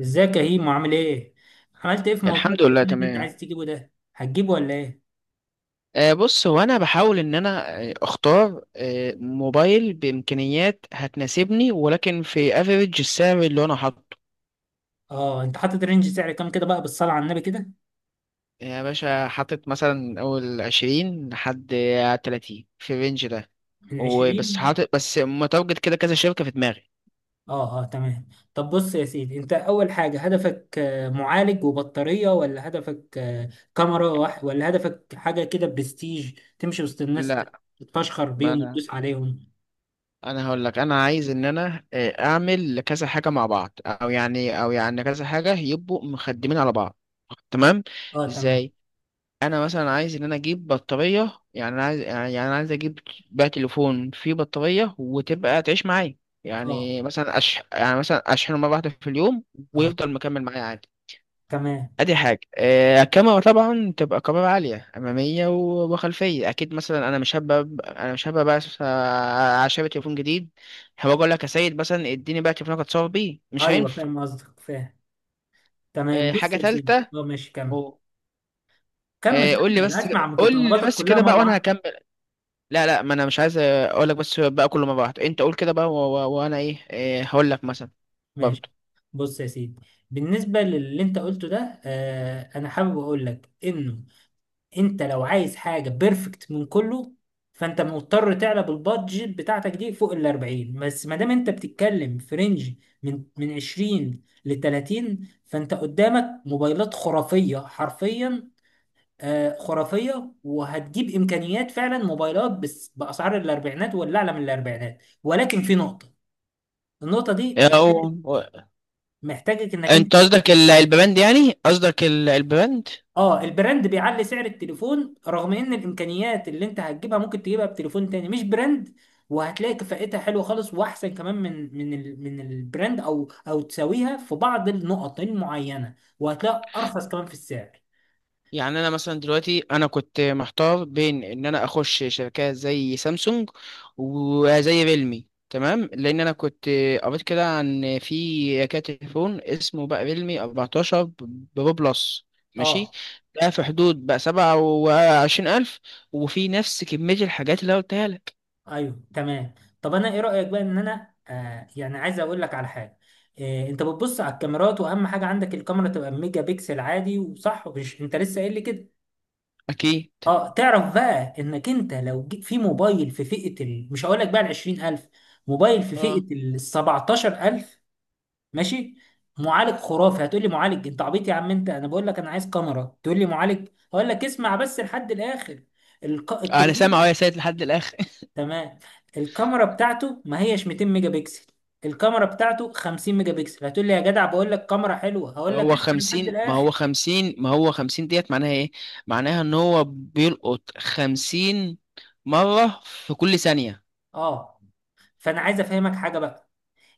ازيك يا هيمو، عامل ايه؟ عملت ايه في موضوع الحمد لله، التأمين اللي انت تمام. عايز تجيبه ده؟ هتجيبه ولا ايه؟ آه بص، هو انا بحاول ان انا اختار موبايل بامكانيات هتناسبني، ولكن في افريج السعر اللي انا حاطه. اه، انت حاطط رينج سعر كام كده بقى، بالصلاة على النبي كده؟ يعني يا باشا، حاطط مثلا اول 20 لحد 30 في الرينج ده. من وبس 20. حاطط بس متواجد كده كذا شركة في دماغي. اه اه، تمام. طب بص يا سيدي، انت اول حاجة هدفك معالج وبطارية، ولا هدفك كاميرا، ولا هدفك حاجة كده برستيج تمشي وسط الناس لا. تتفشخر ما بيهم انا وتدوس عليهم؟ انا هقول لك، انا عايز ان انا اعمل كذا حاجة مع بعض، او يعني كذا حاجة يبقوا مخدمين على بعض. تمام. اه، تمام. ازاي. انا مثلا عايز ان انا اجيب بطاريه، يعني انا عايز اجيب بقى تليفون فيه بطاريه وتبقى تعيش معايا. اه يعني مثلا يعني مثلا اشحنه مره واحده في اليوم، اه، ويفضل مكمل معايا عادي. تمام. ادي حاجه. الكاميرا طبعا تبقى كاميرا عاليه اماميه و- وخلفيه اكيد. مثلا انا مش هبقى بس، عشان تليفون جديد هبقى اقول لك يا سيد مثلا اديني بقى تليفونك اتصور بيه، مش ايوه، هينفع. فاهم قصدك، فاهم. تمام، بص حاجه يا سيدي، ثالثه. اه، ماشي، كمل كمل قول لي كمل، بس اسمع قول لي متطلباتك بس كلها كده بقى مره وانا واحده. هكمل. لا لا، ما انا مش عايز اقول لك بس بقى كله، ما بعد انت قول كده بقى، و- و- وانا إيه هقول لك مثلا ماشي، برضه. بص يا سيدي. بالنسبه للي انت قلته ده، انا حابب اقول لك انه انت لو عايز حاجه بيرفكت من كله، فانت مضطر تعلى بالبادجت بتاعتك دي فوق ال 40. بس ما دام انت بتتكلم في رينج من 20 ل 30، فانت قدامك موبايلات خرافيه حرفيا. خرافيه، وهتجيب امكانيات فعلا، موبايلات بس باسعار الاربعينات ولا اعلى من الاربعينات، ولكن في نقطه. النقطة دي أو... محتاجك انك انت، انت قصدك البند، يعني قصدك البند. اه، البراند بيعلي سعر التليفون، رغم ان الامكانيات اللي انت هتجيبها ممكن تجيبها بتليفون تاني مش براند، وهتلاقي كفاءتها حلوة خالص واحسن كمان من البراند، او تساويها في بعض النقط المعينة، وهتلاقي ارخص كمان في السعر. يعني انا مثلا دلوقتي انا كنت محتار بين ان انا اخش شركات زي سامسونج وزي ريلمي. تمام، لان انا كنت قريت كده عن في تليفون اسمه بقى ريلمي 14 برو بلس، ماشي. اه ده في حدود بقى 27 ألف، وفي نفس كمية الحاجات اللي أنا قلتها لك. ايوه تمام. طب انا ايه رأيك بقى ان انا يعني عايز اقول لك على حاجة، انت بتبص على الكاميرات، واهم حاجة عندك الكاميرا تبقى ميجا بيكسل عادي وصح، مش انت لسه قايل لي كده؟ أكيد. اه، تعرف بقى انك انت لو جيت في موبايل في مش هقول لك بقى ال 20000، موبايل في اه. فئة ال 17000. ماشي. معالج خرافي، هتقول لي: معالج؟ انت عبيط يا عم، انت انا بقول لك انا عايز كاميرا تقول لي معالج؟ هقول لك: اسمع بس لحد الاخر. أنا سامع التليفون، أهو يا سيد، لحد الآخر. تمام، الكاميرا بتاعته ما هيش 200 ميجا بكسل، الكاميرا بتاعته 50 ميجا بكسل. هتقول لي يا جدع، بقول لك كاميرا حلوة، هقول لك اسمع لحد الاخر. ما هو خمسين، ديت معناها ايه؟ معناها ان هو بيلقط خمسين مرة في كل ثانية. اه، فانا عايز افهمك حاجة بقى.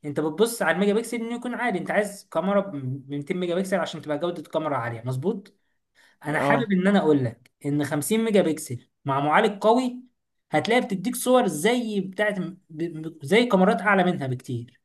انت بتبص على الميجا بكسل انه يكون عالي، انت عايز كاميرا ب 200 ميجا بكسل عشان تبقى جودة الكاميرا عالية، مظبوط. انا حابب اه. انا اقول لك ان 50 ميجا بكسل مع معالج قوي، هتلاقي بتديك صور زي زي كاميرات اعلى منها بكتير،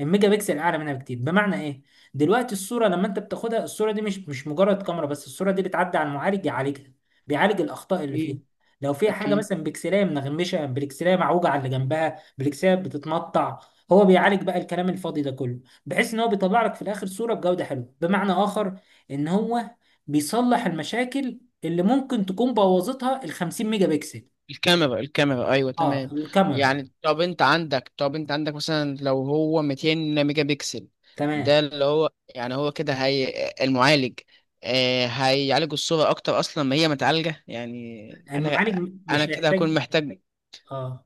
الميجا بكسل اعلى منها بكتير. بمعنى ايه؟ دلوقتي الصوره لما انت بتاخدها، الصوره دي مش مجرد كاميرا بس، الصوره دي بتعدي على المعالج يعالجها، بيعالج الاخطاء اللي فيها. اكيد، لو فيها حاجه اكيد. مثلا بكسلايه منغمشه، بكسلايه معوجه على اللي جنبها، بكسلايه بتتمطع، هو بيعالج بقى الكلام الفاضي ده كله، بحيث ان هو بيطلع لك في الاخر صوره بجوده حلوه، بمعنى اخر ان هو بيصلح المشاكل اللي ممكن تكون بوظتها ال 50 ميجا بكسل. الكاميرا، ايوه اه، تمام. الكاميرا، يعني طب انت عندك مثلا لو هو 200 ميجا بكسل، ده تمام. اللي هو، يعني هو كده هي المعالج هيعالج الصورة اكتر، اصلا ما هي متعالجة. يعني المعالج انا مش كده هكون هيحتاج. محتاج. اه،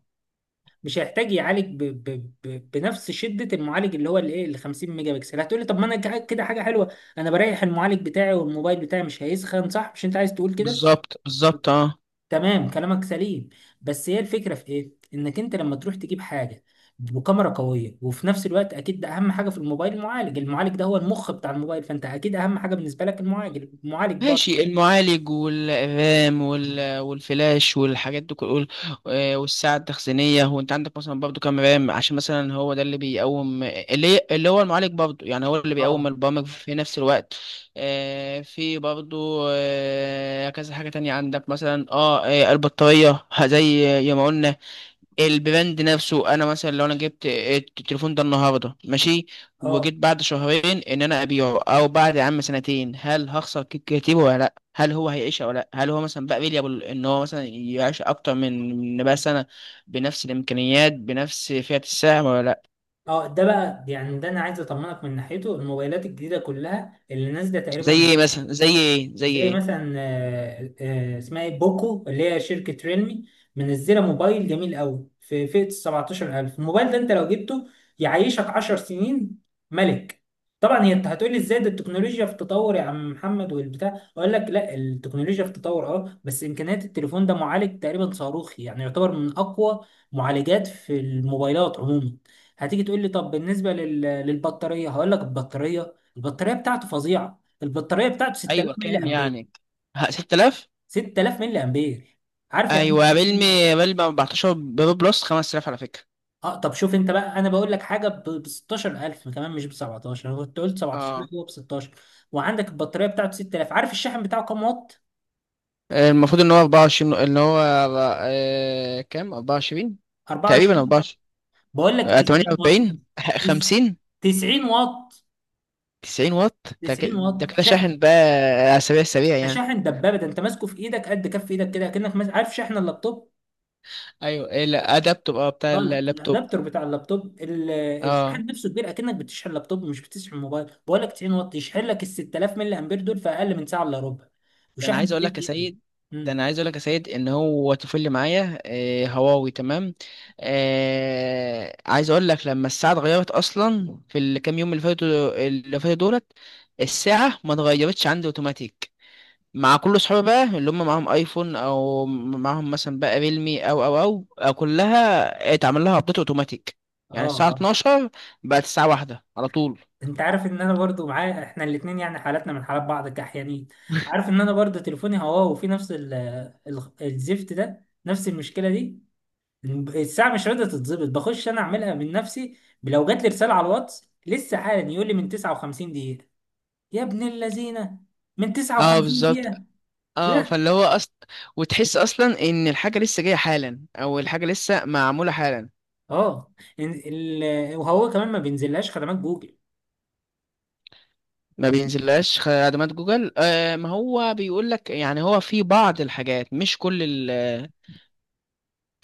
مش هيحتاج يعالج بنفس شده المعالج، اللي هو الايه، ال 50 ميجا بكسل. هتقولي: طب ما انا كده حاجه حلوه، انا بريح المعالج بتاعي، والموبايل بتاعي مش هيسخن، صح؟ مش انت عايز تقول كده؟ بالظبط، بالظبط، اه. تمام، كلامك سليم. بس هي الفكره في ايه، انك انت لما تروح تجيب حاجه بكاميرا قويه، وفي نفس الوقت اكيد ده اهم حاجه في الموبايل، المعالج، المعالج ده هو المخ بتاع الموبايل، فانت اكيد اهم حاجه بالنسبه لك المعالج، المعالج برضه. ماشي. المعالج والرام وال- والفلاش والحاجات دي كل، والساعة التخزينية. هو انت عندك مثلا برضو كام رام، عشان مثلا هو ده اللي بيقوم، اللي هو المعالج برضو، يعني هو اللي اه بيقوم البرامج في نفس الوقت. في برضو كذا حاجة تانية عندك مثلا، البطارية، زي ما قلنا. البراند نفسه، انا مثلا لو انا جبت التليفون ده النهارده، ماشي، اه وجيت بعد شهرين ان انا ابيعه، او بعد يا عم سنتين، هل هخسر كتير ولا لا؟ هل هو هيعيش ولا لا؟ هل هو مثلا بقى فيليبل ان هو مثلا يعيش اكتر من بقى سنه، بنفس الامكانيات، بنفس فئه السعر ولا لا؟ اه. ده بقى يعني، ده انا عايز اطمنك من ناحيته، الموبايلات الجديده كلها اللي نازله زي تقريبا، ايه مثلا زي ايه زي زي ايه؟ مثلا اسمها ايه، بوكو، اللي هي شركة ريلمي، منزلة موبايل جميل قوي في فئة ال 17000. الموبايل ده انت لو جبته يعيشك 10 سنين، ملك. طبعا هي انت هتقولي: ازاي ده، التكنولوجيا في تطور يا عم محمد والبتاع. اقول لك: لا، التكنولوجيا في تطور اه، بس امكانيات التليفون ده، معالج تقريبا صاروخي، يعني يعتبر من اقوى معالجات في الموبايلات عموما. هتيجي تقول لي: طب بالنسبة للبطارية؟ هقول لك: البطارية، البطارية بتاعته فظيعة، البطاريه بتاعته 6000 ايوه ملي كام امبير. يعني؟ 6000. 6000 ملي امبير، عارف يعني ايه ايوه، 6000 ملي أمبير؟ ريلمي 14 برو بلس 5000 على فكره. اه، طب شوف انت بقى، انا بقول لك حاجه ب 16000 كمان، مش ب 17. انا كنت قلت 17، لا، اه، هو ب 16. وعندك البطاريه بتاعته 6000. عارف الشاحن بتاعه كام واط؟ المفروض ان هو 24، ان هو كام، 24. تقريبا 24؟ 24. بقول لك 90 واط. 48، تس- 50. 90 واط، 90 واط، ده كده، 90 واط شاحن. شاحن بقى. على سريع سريع ده يعني. شاحن دبابه، ده انت ماسكه في ايدك قد كف ايدك كده، كأنك ماسك، عارف شاحن اللابتوب؟ ايوه، ايه، لا، ادابتور، اه، بتاع اه، لا، اللابتوب. الادابتر بتاع اللابتوب، اه. الشاحن نفسه كبير، اكنك بتشحن لابتوب مش بتشحن موبايل. بقول لك 90 واط يشحن لك ال 6000 ملي امبير دول في اقل من ساعه الا ربع، ده انا وشحن عايز اقول سريع لك يا جدا. سيد، ده انا امم عايز اقول لك يا سيد، ان هو طفل اللي معايا، هواوي. تمام. آه، عايز اقول لك لما الساعه اتغيرت اصلا في الكام يوم، اللي فاتوا دولت، الساعه ما اتغيرتش عندي اوتوماتيك. مع كل صحابي بقى اللي هم معاهم ايفون او معاهم مثلا بقى ريلمي، أو كلها اتعمل لها ابديت اوتوماتيك. اه يعني الساعه اه. 12 بقت الساعه واحدة على طول. انت عارف ان انا برضو معايا، احنا الاثنين يعني حالاتنا من حالات بعض كاحيانين، عارف ان انا برضو تليفوني هواوي، وفي نفس ال ال الزفت ده، نفس المشكله دي. الساعه مش راضيه تتظبط، بخش انا اعملها من نفسي. لو جات لي رساله على الواتس لسه حالا، يقول لي من 59 دقيقه. يا ابن اللذينه، من اه، 59 بالظبط. دقيقه. اه، لا، فاللي هو أصل، وتحس اصلا ان الحاجه لسه جايه حالا، او الحاجه لسه معموله حالا. اه. وهو كمان ما بينزلهاش خدمات جوجل. ما بينزلهاش خدمات جوجل. آه، ما هو بيقول لك يعني هو في بعض الحاجات مش كل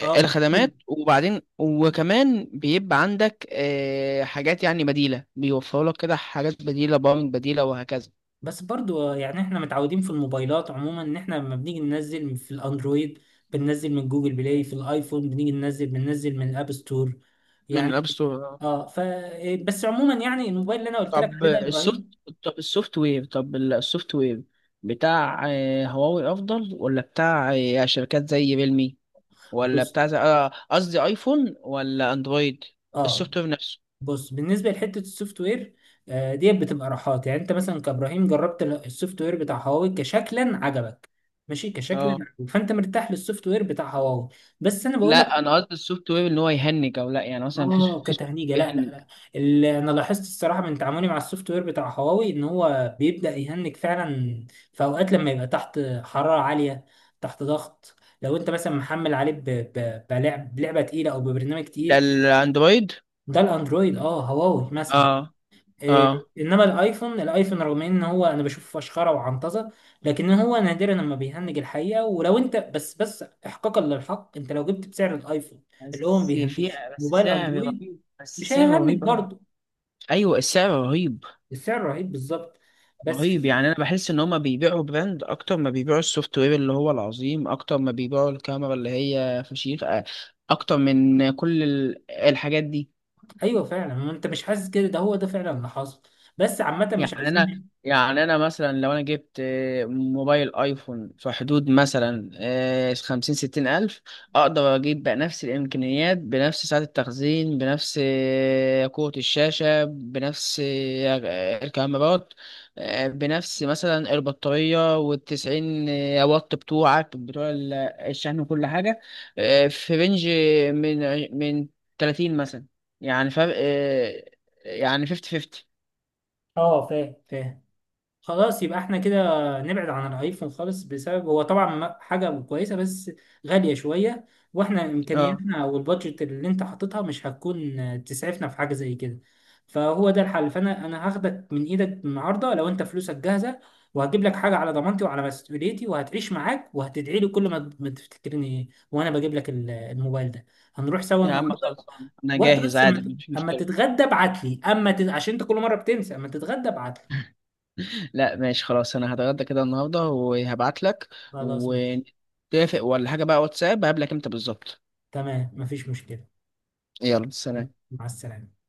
اه، مش كل- الخدمات. وبعدين وكمان بيبقى عندك حاجات يعني بديلة، بيوفروا لك كده حاجات بديلة، برامج بديلة وهكذا. بس برضو يعني احنا متعودين في الموبايلات عموما، ان احنا لما بنيجي ننزل في الاندرويد بننزل من جوجل بلاي، في الايفون بنيجي بننزل من الاب ستور، من الأب يعني. ستور. اه، ف إيه، بس عموما يعني الموبايل اللي انا قلت لك طب عليه ده يا السوفت ابراهيم. طب السوفت وير بتاع هواوي أفضل، ولا بتاع شركات زي ريلمي، ولا بص، بتاع قصدي أيفون ولا أندرويد؟ اه، السوفت وير نفسه. بص بالنسبه لحته السوفت وير، ديت بتبقى راحات، يعني انت مثلا كابراهيم جربت السوفت وير بتاع هواوي، كشكلا عجبك. ماشي كشكلا اه عجبك. فانت مرتاح للسوفت وير بتاع هواوي، بس انا بقول لك، لا، أنا قصدي السوفت وير إن هو يهنج أو لا، يعني مثلا اه، في سوفت كتهنيجه وير لا لا بيهنج؟ لا. اللي انا لاحظت الصراحه من تعاملي مع السوفت وير بتاع هواوي، ان هو بيبدا يهنج فعلا في اوقات، لما يبقى تحت حراره عاليه، تحت ضغط، لو انت مثلا محمل عليه بلعبه تقيله او ببرنامج ده تقيل. الأندرويد. ده الاندرويد، اه، هواوي مثلا. اه اه، انما الايفون، الايفون رغم ان هو انا بشوف فشخره وعنطزه، لكن هو نادرا لما بيهنج الحقيقه. ولو انت، بس بس احقاقا للحق، انت لو جبت بسعر الايفون اللي هو ما بيهنجش، بس موبايل سعر اندرويد رهيب، بس مش سعر هيهنج رهيب أوي. برضه. أيوة، السعر رهيب. السعر رهيب بالظبط، بس رهيب في، يعني. أنا بحس إن هما بيبيعوا براند أكتر ما بيبيعوا السوفت وير اللي هو العظيم، أكتر ما بيبيعوا الكاميرا اللي هي فشيخ، أكتر من كل الحاجات دي. ايوه فعلا، ما انت مش حاسس كده، ده هو ده فعلا اللي حاصل. بس عامه مش يعني انا عايزين. يعني انا مثلا لو انا جبت موبايل ايفون في حدود مثلا خمسين ستين الف، اقدر اجيب بقى نفس الامكانيات، بنفس سعة التخزين، بنفس قوة الشاشة، بنفس الكاميرات، بنفس مثلا البطارية والتسعين واط بتوعك، الشحن وكل حاجة. في رينج من 30 مثلا. يعني فرق، يعني فيفتي فيفتي. اه، فاهم فاهم. خلاص، يبقى احنا كده نبعد عن الايفون خالص. بسبب هو طبعا حاجة كويسة، بس غالية شوية، واحنا امكانياتنا والبادجت اللي انت حاططها مش هتكون تسعفنا في حاجة زي كده، فهو ده الحل. فانا انا هاخدك من ايدك النهارده لو انت فلوسك جاهزة، وهجيب لك حاجة على ضمانتي وعلى مسؤوليتي، وهتعيش معاك، وهتدعي لي كل ما تفتكرني وانا بجيب لك الموبايل ده. هنروح سوا يا عم النهارده. خلصان، انا وقت جاهز بس، عادي، اما مفيش أما مشكله. تتغدى ابعت لي، عشان انت كل مرة بتنسى، اما تتغدى ابعت لي. لا ماشي خلاص، انا هتغدى كده النهارده وهبعت لك. خلاص ماشي. ونتفق ولا حاجه بقى واتساب، هقابلك امتى بالظبط؟ تمام، مفيش مشكلة. يلا، سلام. مع السلامة.